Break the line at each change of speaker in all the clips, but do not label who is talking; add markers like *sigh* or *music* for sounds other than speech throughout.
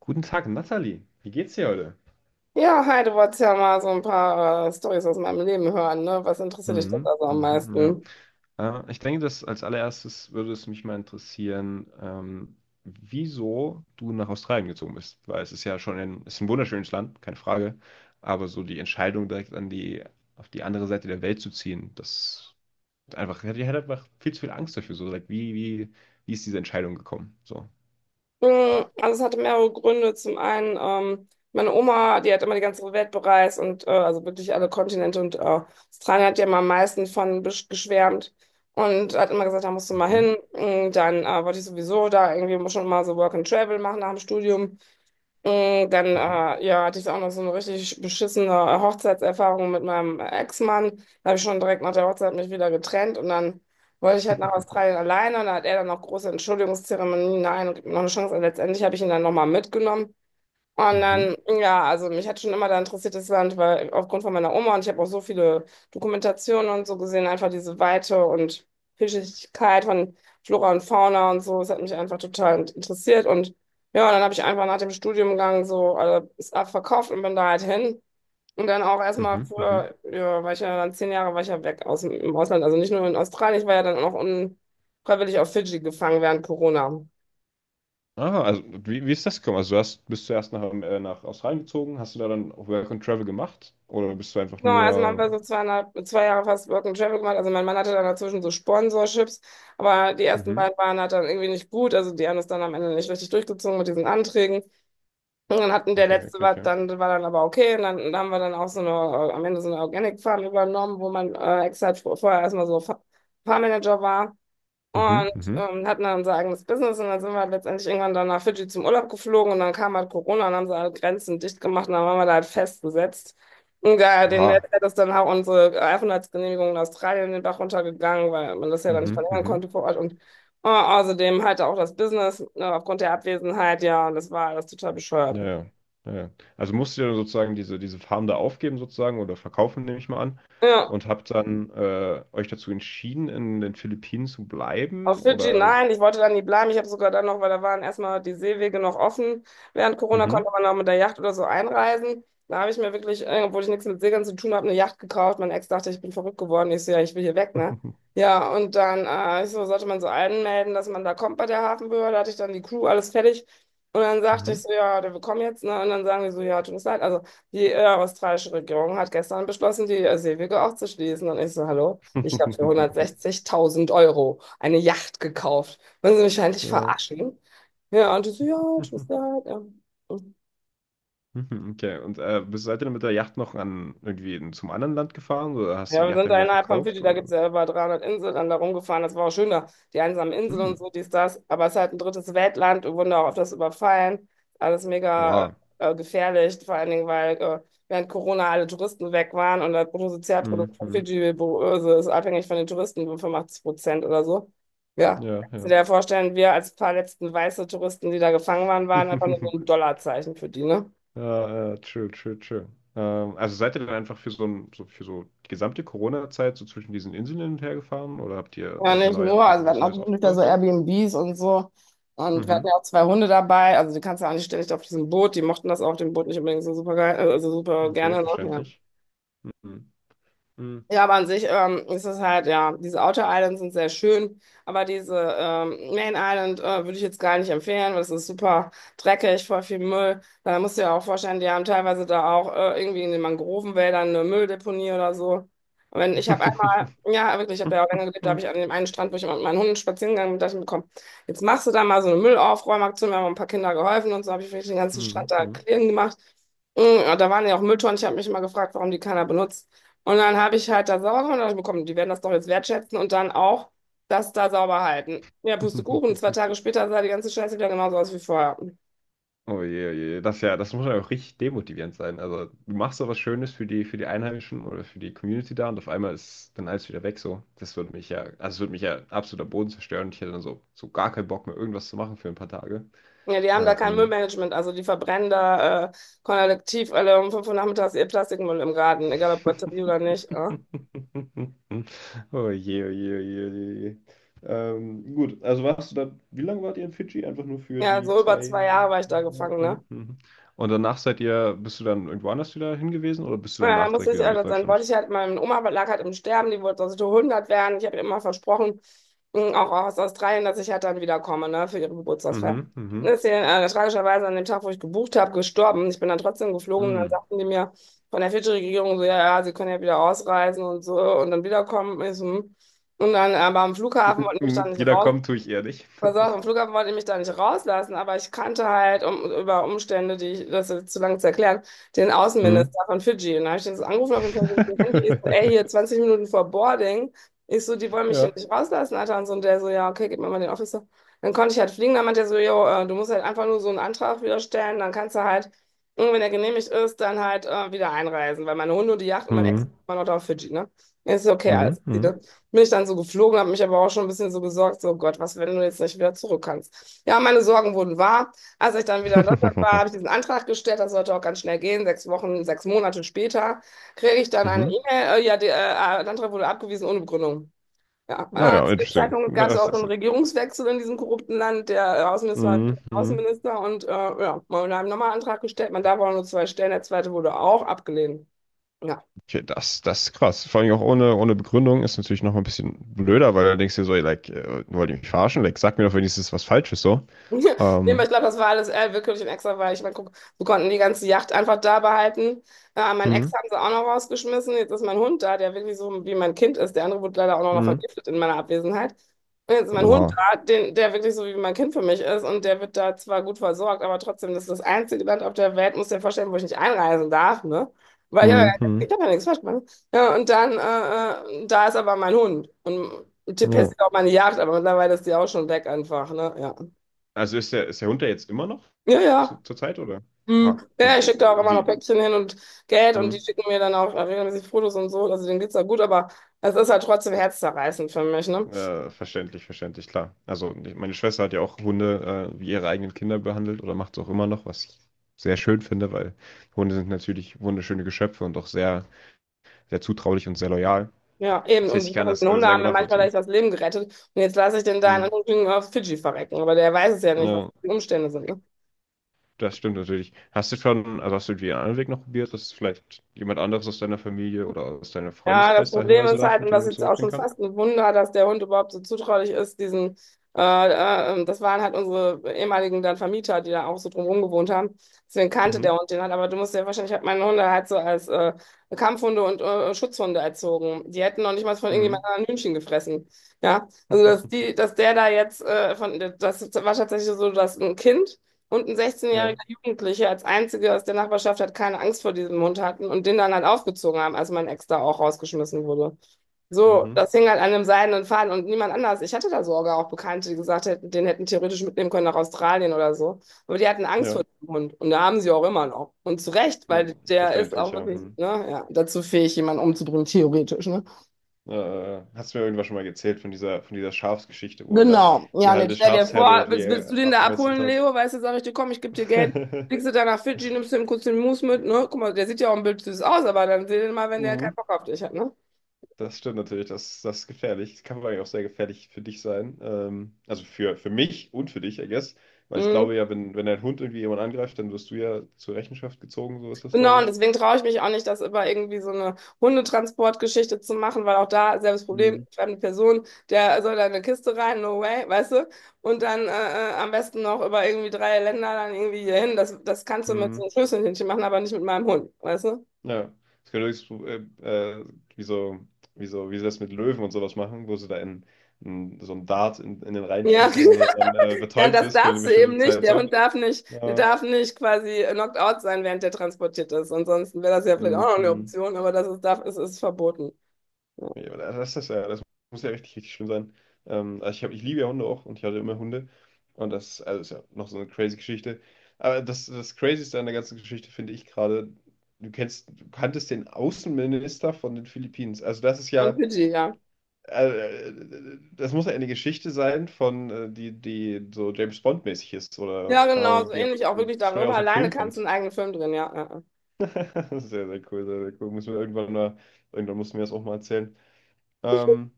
Guten Tag, Nathalie. Wie geht's dir heute?
Ja, hi, du wolltest ja mal so ein paar Storys aus meinem Leben hören, ne? Was interessiert dich denn
Mhm,
da so am
mhm, ja.
meisten?
Ich denke, dass als allererstes würde es mich mal interessieren, wieso du nach Australien gezogen bist. Weil es ist ein wunderschönes Land, keine Frage. Aber so die Entscheidung, direkt auf die andere Seite der Welt zu ziehen, ich hatte einfach viel zu viel Angst dafür. So, like, wie ist diese Entscheidung gekommen? So.
Hm, also es hatte mehrere Gründe. Zum einen, meine Oma, die hat immer die ganze Welt bereist und also wirklich alle Kontinente und Australien hat ja immer am meisten von geschwärmt und hat immer gesagt, da musst du mal
Mhm,
hin. Hm, dann wollte ich sowieso da irgendwie schon mal so Work and Travel machen nach dem Studium. Dann
mhm,
ja, hatte ich auch noch so eine richtig beschissene Hochzeitserfahrung mit meinem Ex-Mann. Da habe ich schon direkt nach der Hochzeit mich wieder getrennt und dann wollte ich halt nach
*laughs*
Australien alleine und da hat er dann noch große Entschuldigungszeremonien. Nein, und gibt mir noch eine Chance. Und letztendlich habe ich ihn dann nochmal mitgenommen. Und
mhm,
dann, ja, also mich hat schon immer da interessiert das Land, weil aufgrund von meiner Oma und ich habe auch so viele Dokumentationen und so gesehen, einfach diese Weite und Vielschichtigkeit von Flora und Fauna und so, das hat mich einfach total interessiert. Und ja, dann habe ich einfach nach dem Studiengang so alles abverkauft und bin da halt hin. Und dann auch erstmal
mhm, mhm.
für, ja, war ich ja dann 10 Jahre war ich ja weg aus, im Ausland, also nicht nur in Australien, ich war ja dann auch unfreiwillig auf Fidschi gefangen während Corona.
Ah, also wie ist das gekommen? Also bist du erst nach Australien gezogen, hast du da dann auch Work and Travel gemacht? Oder bist du einfach
Genau, also man
nur...
war so 2,5, 2 Jahre fast Work and Travel gemacht. Also mein Mann hatte dann dazwischen so Sponsorships, aber die ersten
Mhm.
beiden waren halt dann irgendwie nicht gut. Also die haben das dann am Ende nicht richtig durchgezogen mit diesen Anträgen. Und dann hatten der
Okay,
letzte
okay,
war
okay.
dann, aber okay. Und dann, haben wir dann auch so eine, am Ende so eine Organic Farm übernommen, wo man extra vorher erstmal so Farmmanager war.
Mhm,
Und
mhm.
hatten dann unser eigenes Business und dann sind wir halt letztendlich irgendwann dann nach Fidschi zum Urlaub geflogen und dann kam halt Corona und haben sie alle Grenzen dicht gemacht und dann waren wir da halt festgesetzt. Und da, den hat
Oha.
das dann auch unsere Aufenthaltsgenehmigung in Australien in den Bach runtergegangen, weil man das ja dann nicht
Mhm,
verlängern
mhm.
konnte vor Ort und außerdem halt auch das Business aufgrund der Abwesenheit, ja, und das war alles total bescheuert.
Ja, ja. Ja, ja. Also musst du dann sozusagen diese Farm da aufgeben sozusagen oder verkaufen, nehme ich mal an.
Ja.
Und habt dann euch dazu entschieden, in den Philippinen zu
Auf
bleiben?
Fidschi,
Oder...
nein, ich wollte da nie bleiben. Ich habe sogar dann noch, weil da waren erstmal die Seewege noch offen. Während Corona
Mhm.
konnte man auch mit der Yacht oder so einreisen. Da habe ich mir wirklich, obwohl ich nichts mit Segeln zu tun habe, eine Yacht gekauft. Mein Ex dachte, ich bin verrückt geworden. Ich so, ja, ich will hier weg, ne?
*laughs*
Ja, und dann ich so, sollte man so anmelden, dass man da kommt bei der Hafenbehörde. Da hatte ich dann die Crew, alles fertig. Und dann sagte ich
Mhm.
so, ja, wir kommen jetzt, ne? Und dann sagen die so, ja, tut uns leid. Also die australische Regierung hat gestern beschlossen, die Seewege auch zu schließen. Und ich so, hallo? Ich habe für
*laughs*
160.000 Euro eine Yacht gekauft. Wollen Sie mich eigentlich
Ja.
verarschen? Ja, und die so, ja, tschüss, ja. Ja. Mhm.
Mhm, okay. Und seid ihr dann mit der Yacht noch an irgendwie zum anderen Land gefahren oder hast du
Ja,
die
wir
Yacht
sind
dann
da
wieder
innerhalb von Fidschi,
verkauft?
da gibt
Oder?
es ja über 300 Inseln, dann da rumgefahren. Das war auch schön da, die einsamen Inseln
Hm.
und so, dies, das. Aber es ist halt ein drittes Weltland. Wir wurden da auch auf das überfallen. Alles mega
Oha.
gefährlich, vor allen Dingen, weil während Corona alle Touristen weg waren und das Bruttosozialprodukt
Mhm,
von
mhm.
Fidschi böse ist abhängig von den Touristen, 85% oder so. Ja,
Ja,
kannst du dir
ja.
ja vorstellen, wir als paar letzten weiße Touristen, die da gefangen waren, waren einfach nur so ein
*laughs*
Dollarzeichen für die, ne?
Ja, ja, true, true, true. Also seid ihr dann einfach für so die gesamte Corona-Zeit so zwischen diesen Inseln hin und her gefahren oder habt ihr
Ja,
euch
nicht nur, also
irgendwie
wir
was
hatten auch
Neues
wirklich da so
aufgebaut?
Airbnbs und so. Und wir hatten
Mhm.
ja auch zwei Hunde dabei. Also die kannst du ja auch nicht ständig auf diesem Boot. Die mochten das auch, dem Boot nicht unbedingt so super geil, also super
Okay,
gerne. Ne? Ja.
verständlich. Mhm. Mhm.
Ja, aber an sich ist es halt, ja, diese Outer Islands sind sehr schön, aber diese Main Island würde ich jetzt gar nicht empfehlen, weil es ist super dreckig, voll viel Müll. Da musst du ja auch vorstellen, die haben teilweise da auch irgendwie in den Mangrovenwäldern eine Mülldeponie oder so. Und wenn ich habe einmal, ja, wirklich, ich habe ja auch länger gelebt, da habe
*laughs*
ich an dem einen Strand, wo ich mit meinen Hunden spazieren gegangen bin, dachte ich mir, komm, jetzt machst du da mal so eine Müllaufräumaktion, wir haben ein paar Kinder geholfen und so habe ich wirklich den ganzen Strand da
Mhm.
clean gemacht. Da waren ja auch Mülltonnen. Ich habe mich immer gefragt, warum die keiner benutzt. Und dann habe ich halt da sauber gemacht und dachte, ich mir, komm, die werden das doch jetzt wertschätzen und dann auch das da sauber halten. Ja,
Mhm.
Pustekuchen, zwei
*laughs*
Tage später sah die ganze Scheiße wieder genauso aus wie vorher.
Oh je, das ist ja, das muss ja auch richtig demotivierend sein. Also du machst so was Schönes für die Einheimischen oder für die Community da und auf einmal ist dann alles wieder weg so. Das würde mich ja, also es würde mich ja absolut am Boden zerstören. Ich hätte dann so, so gar keinen Bock mehr, irgendwas zu machen für ein paar Tage.
Ja, die haben da kein
Ähm,
Müllmanagement, also die verbrennen da kollektiv alle um 5 Uhr nachmittags ihr Plastikmüll im Garten, egal ob Batterie oder
*laughs*
nicht.
Oh je, oh je, oh je, oh je. Oh je. Gut, also warst du dann, wie lange wart ihr in Fidschi? Einfach nur für
Ja,
die
so über
zwei.
2 Jahre war ich da gefangen, ne.
Mhm, mhm. Und danach seid ihr, bist du dann irgendwo anders wieder hingewiesen oder bist du
Ja,
danach
muss
direkt
ich
wieder nach
ehrlich sein. Wollte
Deutschland?
ich halt, meine Oma lag halt im Sterben, die wollte, dass ich 100 werden. Ich habe ihr immer versprochen, auch aus Australien, dass ich halt dann wiederkomme, ne, für ihre Geburtstagsfeier.
Mhm,
Dann
mhm.
ist sie tragischerweise an dem Tag, wo ich gebucht habe, gestorben. Ich bin dann trotzdem geflogen und dann
Mhm.
sagten die mir von der Fidschi-Regierung so, ja, ja, sie können ja wieder ausreisen und so und dann wiederkommen. Ich so, hm. Und dann aber am Flughafen wollten die mich dann
Mhm.
nicht
Jeder
raus.
kommt, tue ich eher nicht.
Pass auf, am
*laughs*
Flughafen wollte ich mich da nicht rauslassen, aber ich kannte halt um, über Umstände, die ich, das ist jetzt zu lange zu erklären, den
Mhm.
Außenminister von Fidschi. Und da habe ich den so angerufen auf dem persönlichen Handy. Ich so, ey, hier
*laughs*
20 Minuten vor Boarding. Ich so, die wollen mich hier
Ja.
nicht rauslassen, Alter. Und so, und der so, ja, okay, gib mir mal den Officer. Dann konnte ich halt fliegen. Dann meinte er so, jo, du musst halt einfach nur so einen Antrag wieder stellen. Dann kannst du halt, und wenn er genehmigt ist, dann halt wieder einreisen. Weil meine Hunde und die Yacht und mein Ex
Mhm.
war noch da auf Fidschi, ne? Ich so, okay,
Mhm.
alles
Mhm.
bin ich dann so geflogen, habe mich aber auch schon ein bisschen so gesorgt, so Gott, was, wenn du jetzt nicht wieder zurück kannst. Ja, meine Sorgen wurden wahr. Als ich dann wieder in Deutschland war, habe
*laughs*
ich diesen Antrag gestellt, das sollte auch ganz schnell gehen. 6 Wochen, 6 Monate später kriege ich dann eine
Mhm.
E-Mail, ja, der Antrag wurde abgewiesen ohne Begründung. Ja,
Naja,
zu dem
interesting.
Zeitpunkt gab es
Das
auch einen
ist.
Regierungswechsel in diesem korrupten Land. Der Außenminister war
Mhm. Mhm.
Außenminister und ja, wir haben nochmal einen Antrag gestellt. Man darf auch nur zwei stellen, der zweite wurde auch abgelehnt. Ja.
Okay, das, das ist krass. Vor allem auch ohne, ohne Begründung ist natürlich noch mal ein bisschen blöder, weil du denkst dir so, ey, like, wollt ihr mich verarschen? Like, sag mir doch wenigstens was Falsches so.
*laughs* Ja, nee, aber ich
Ähm,
glaube, das war alles willkürlich und extra, weil ich meine, guck, wir konnten die ganze Yacht einfach da behalten. Mein Ex
hm,
haben sie auch noch rausgeschmissen. Jetzt ist mein Hund da, der wirklich so wie mein Kind ist. Der andere wurde leider auch noch
hm,
vergiftet in meiner Abwesenheit. Und jetzt ist mein Hund
uha.
da, den, der wirklich so wie mein Kind für mich ist. Und der wird da zwar gut versorgt, aber trotzdem, das ist das einzige Land auf der Welt, muss dir vorstellen, wo ich nicht einreisen darf, ne? Weil ich habe
Hm,
ja,
hm,
ich hab ja nichts falsch gemacht. Ne? Ja, und dann, da ist aber mein Hund. Und der
ja.
persiert auch meine Yacht, aber mittlerweile ist die auch schon weg einfach, ne? Ja.
Also ist der Hund da jetzt immer noch
Ja,
zu,
ja.
zur Zeit, oder?
Hm.
Oha. Und
Ja, ich schicke da auch immer noch
wie?
Päckchen hin und Geld und die
Hm,
schicken mir dann auch regelmäßig Fotos und so. Also denen geht's da gut, aber es ist halt trotzdem herzzerreißend für mich, ne?
verständlich, verständlich, klar. Also meine Schwester hat ja auch Hunde wie ihre eigenen Kinder behandelt oder macht es auch immer noch, was ich sehr schön finde, weil Hunde sind natürlich wunderschöne Geschöpfe und auch sehr, sehr zutraulich und sehr loyal.
Ja, eben.
Das heißt, ich
Und
kann das
die Hunde
sehr
haben
gut
mir manchmal
nachvollziehen.
echt das Leben gerettet. Und jetzt lasse ich den da in
Hm.
Anführungsstrichen auf Fidschi verrecken. Aber der weiß es ja nicht, was
Ja,
die Umstände sind, ne?
das stimmt natürlich. Hast du schon, also hast du den anderen Weg noch probiert, dass vielleicht jemand anderes aus deiner Familie oder aus deinem
Ja, das
Freundeskreis da
Problem
hinreisen
ist
darf
halt, und
und
das ist
den
jetzt auch
zurückbringen
schon
kann?
fast ein Wunder, dass der Hund überhaupt so zutraulich ist, diesen, das waren halt unsere ehemaligen dann Vermieter, die da auch so drumherum gewohnt haben. Deswegen kannte
Mhm.
der Hund den halt, aber du musst ja wahrscheinlich, ich habe meine Hunde halt so als Kampfhunde und Schutzhunde erzogen. Die hätten noch nicht mal von
Mhm.
irgendjemandem anderen Hühnchen gefressen. Ja, also dass
*laughs*
die, dass der da jetzt, das war tatsächlich so, dass ein Kind und ein
Ja.
16-jähriger Jugendlicher als einziger aus der Nachbarschaft hat keine Angst vor diesem Hund hatten und den dann halt aufgezogen haben, als mein Ex da auch rausgeschmissen wurde. So,
Mhm.
das hing halt an einem seidenen Faden und niemand anders. Ich hatte da sogar auch Bekannte, die gesagt hätten, den hätten theoretisch mitnehmen können nach Australien oder so. Aber die hatten Angst vor
Ja.
dem Hund und da haben sie auch immer noch. Und zu Recht,
Ne,
weil der ist
verständlich,
auch
ja.
wirklich,
Hm.
ne, ja, dazu fähig, jemanden umzubringen, theoretisch, ne?
Hast du mir irgendwas schon mal erzählt von dieser Schafsgeschichte, wo er da
Genau, ja,
die
und jetzt
halbe
stell dir
Schafsherde
vor,
irgendwie
willst du den da
abgemesselt
abholen,
hat?
Leo? Weißt du, sag ich dir, komm, ich gebe dir Geld, fliegst du
*laughs*
da nach Fidschi, nimmst du ihm kurz den Mousse mit, ne? Guck mal, der sieht ja auch ein Bild süß aus, aber dann seh den mal, wenn der keinen
Mhm.
Bock auf dich hat, ne?
Das stimmt natürlich, das, das ist gefährlich. Das kann vor allem auch sehr gefährlich für dich sein. Also für mich und für dich, I guess. Weil ich
Mhm.
glaube ja, wenn dein Hund irgendwie jemand angreift, dann wirst du ja zur Rechenschaft gezogen, so ist das,
Genau,
glaube
und
ich.
deswegen traue ich mich auch nicht, das über irgendwie so eine Hundetransportgeschichte zu machen, weil auch da selbes Problem,
Mhm.
fremde Person, der soll da eine Kiste rein, no way, weißt du? Und dann am besten noch über irgendwie drei Länder dann irgendwie hier hin. Das, das kannst du mit
Hm.
so einem Schlüsselhündchen machen, aber nicht mit meinem Hund, weißt du?
Ja. Das könnte höchstens, äh, wie so, wie so, wie sie das mit Löwen und sowas machen, wo sie da in so einen Dart in den
Ja, *laughs*
reinschießen, damit er dann
Dann
betäubt
das
ist für eine
darfst du
bestimmte
eben nicht.
Zeit
Der
so.
Hund darf nicht, der
Ja.
darf nicht, quasi knocked out sein, während der transportiert ist. Ansonsten wäre das ja vielleicht auch noch eine
Mhm.
Option, aber es ist verboten. Ja.
Nee, aber das ist ja, das muss ja richtig, richtig schlimm sein. Also ich hab, ich liebe ja Hunde auch und ich hatte immer Hunde. Und das, also ist ja noch so eine crazy Geschichte. Aber das, das Crazyste an der ganzen Geschichte finde ich gerade, du kennst, du kanntest den Außenminister von den Philippinen. Also das ist
Von
ja,
Fidschi, ja.
äh, äh, das muss ja eine Geschichte sein von, die so James Bond-mäßig ist oder,
Ja,
keine
genau,
Ahnung,
so
die einfach
ähnlich auch
so
wirklich
straight
darüber.
aus dem
Alleine
Film
kannst du
kommt.
einen eigenen Film drehen, ja. Ja, ja.
*laughs* Sehr, sehr cool, sehr, sehr cool. Müssen wir irgendwann mal, irgendwann mussten wir das auch mal erzählen. Ähm,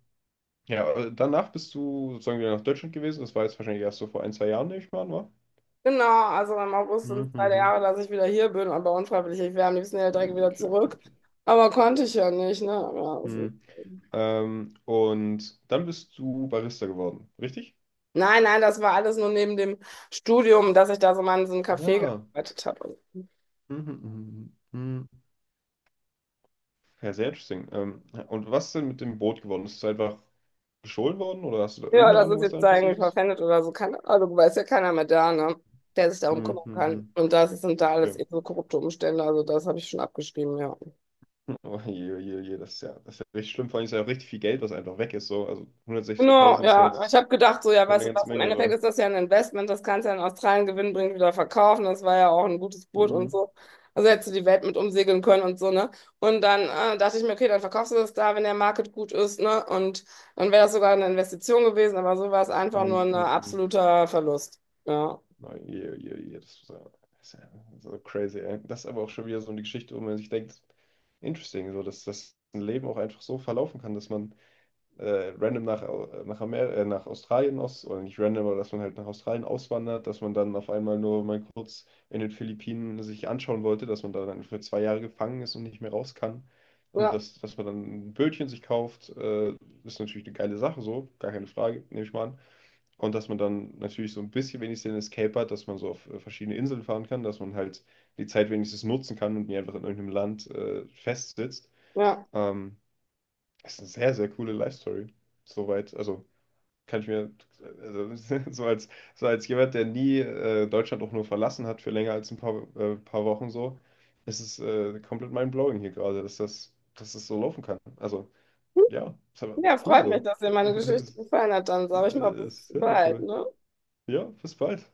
Ja, danach bist du sozusagen wieder nach Deutschland gewesen. Das war jetzt wahrscheinlich erst so vor ein, 2 Jahren, nehme ich mal an, war?
Genau, also im August sind
Mhm,
es zwei
mhm.
Jahre, dass ich wieder hier bin, aber unfreiwillig. Ich wäre am liebsten ja direkt wieder
Okay, okay,
zurück.
okay.
Aber konnte ich ja nicht, ne? Ja,
Hm. Und dann bist du Barista geworden, richtig?
Nein, nein, das war alles nur neben dem Studium, dass ich da so mal in so einem Café
Ja.
gearbeitet habe.
Mhm, mhm, mhm. Mhm. Ja, sehr interesting. Und was ist denn mit dem Boot geworden? Ist es einfach gestohlen worden oder hast du da
Ja,
irgendeine
das
Ahnung,
ist
was
jetzt
da
eigentlich
passiert
irgendwie
ist?
verpfändet oder so. Keine Ahnung, weiß ja keiner mehr da, ne? Der sich darum
Mhm,
kümmern kann.
mhm.
Und das sind da
Ja.
alles
*laughs*
eben so korrupte Umstände. Also das habe ich schon abgeschrieben, ja.
Oh je, oh je, oh je, das ist ja richtig schlimm. Vor allem ist ja auch richtig viel Geld, was einfach weg ist. So. Also
Genau,
160.000 ist ja
ja. Ich
jetzt
habe gedacht, so, ja,
schon
weißt
eine
du
ganze
was, im Endeffekt
Menge.
ist das ja ein Investment, das kannst du ja in Australien gewinnbringend wieder verkaufen. Das war ja auch ein gutes Boot und
So.
so. Also hättest du die Welt mit umsegeln können und so, ne? Und dann dachte ich mir, okay, dann verkaufst du das da, wenn der Market gut ist, ne? Und dann wäre das sogar eine Investition gewesen, aber so war es einfach nur
Hm,
ein
hm, hm.
absoluter Verlust. Ja.
Nein, je, je, je, das ist ja so crazy, ey. Das ist aber auch schon wieder so eine Geschichte, wo man sich denkt, interesting, so, dass das ein Leben auch einfach so verlaufen kann, dass man random nach, Au- nach, Amer nach Australien aus, oder nicht random, aber dass man halt nach Australien auswandert, dass man dann auf einmal nur mal kurz in den Philippinen sich anschauen wollte, dass man da dann für 2 Jahre gefangen ist und nicht mehr raus kann. Und
Ja,
dass, dass man dann ein Bötchen sich kauft, ist natürlich eine geile Sache, so, gar keine Frage, nehme ich mal an. Und dass man dann natürlich so ein bisschen wenigstens den Escape hat, dass man so auf verschiedene Inseln fahren kann, dass man halt die Zeit wenigstens nutzen kann und nicht einfach in irgendeinem Land festsitzt.
ja.
Ähm, Ist eine sehr, sehr coole Life Story. Soweit, also kann ich mir, also, *laughs* so als, so als jemand, der nie Deutschland auch nur verlassen hat für länger als ein paar Wochen so, ist es komplett mind-blowing hier gerade, dass das so laufen kann. Also, ja, ist aber
Ja,
cool
freut mich,
so. *laughs*
dass dir meine
Es
Geschichte
ist,
gefallen hat. Dann
äh,
sage ich mal, bis
Es ist sehr, sehr
bald,
cool.
ne?
Ja, bis bald.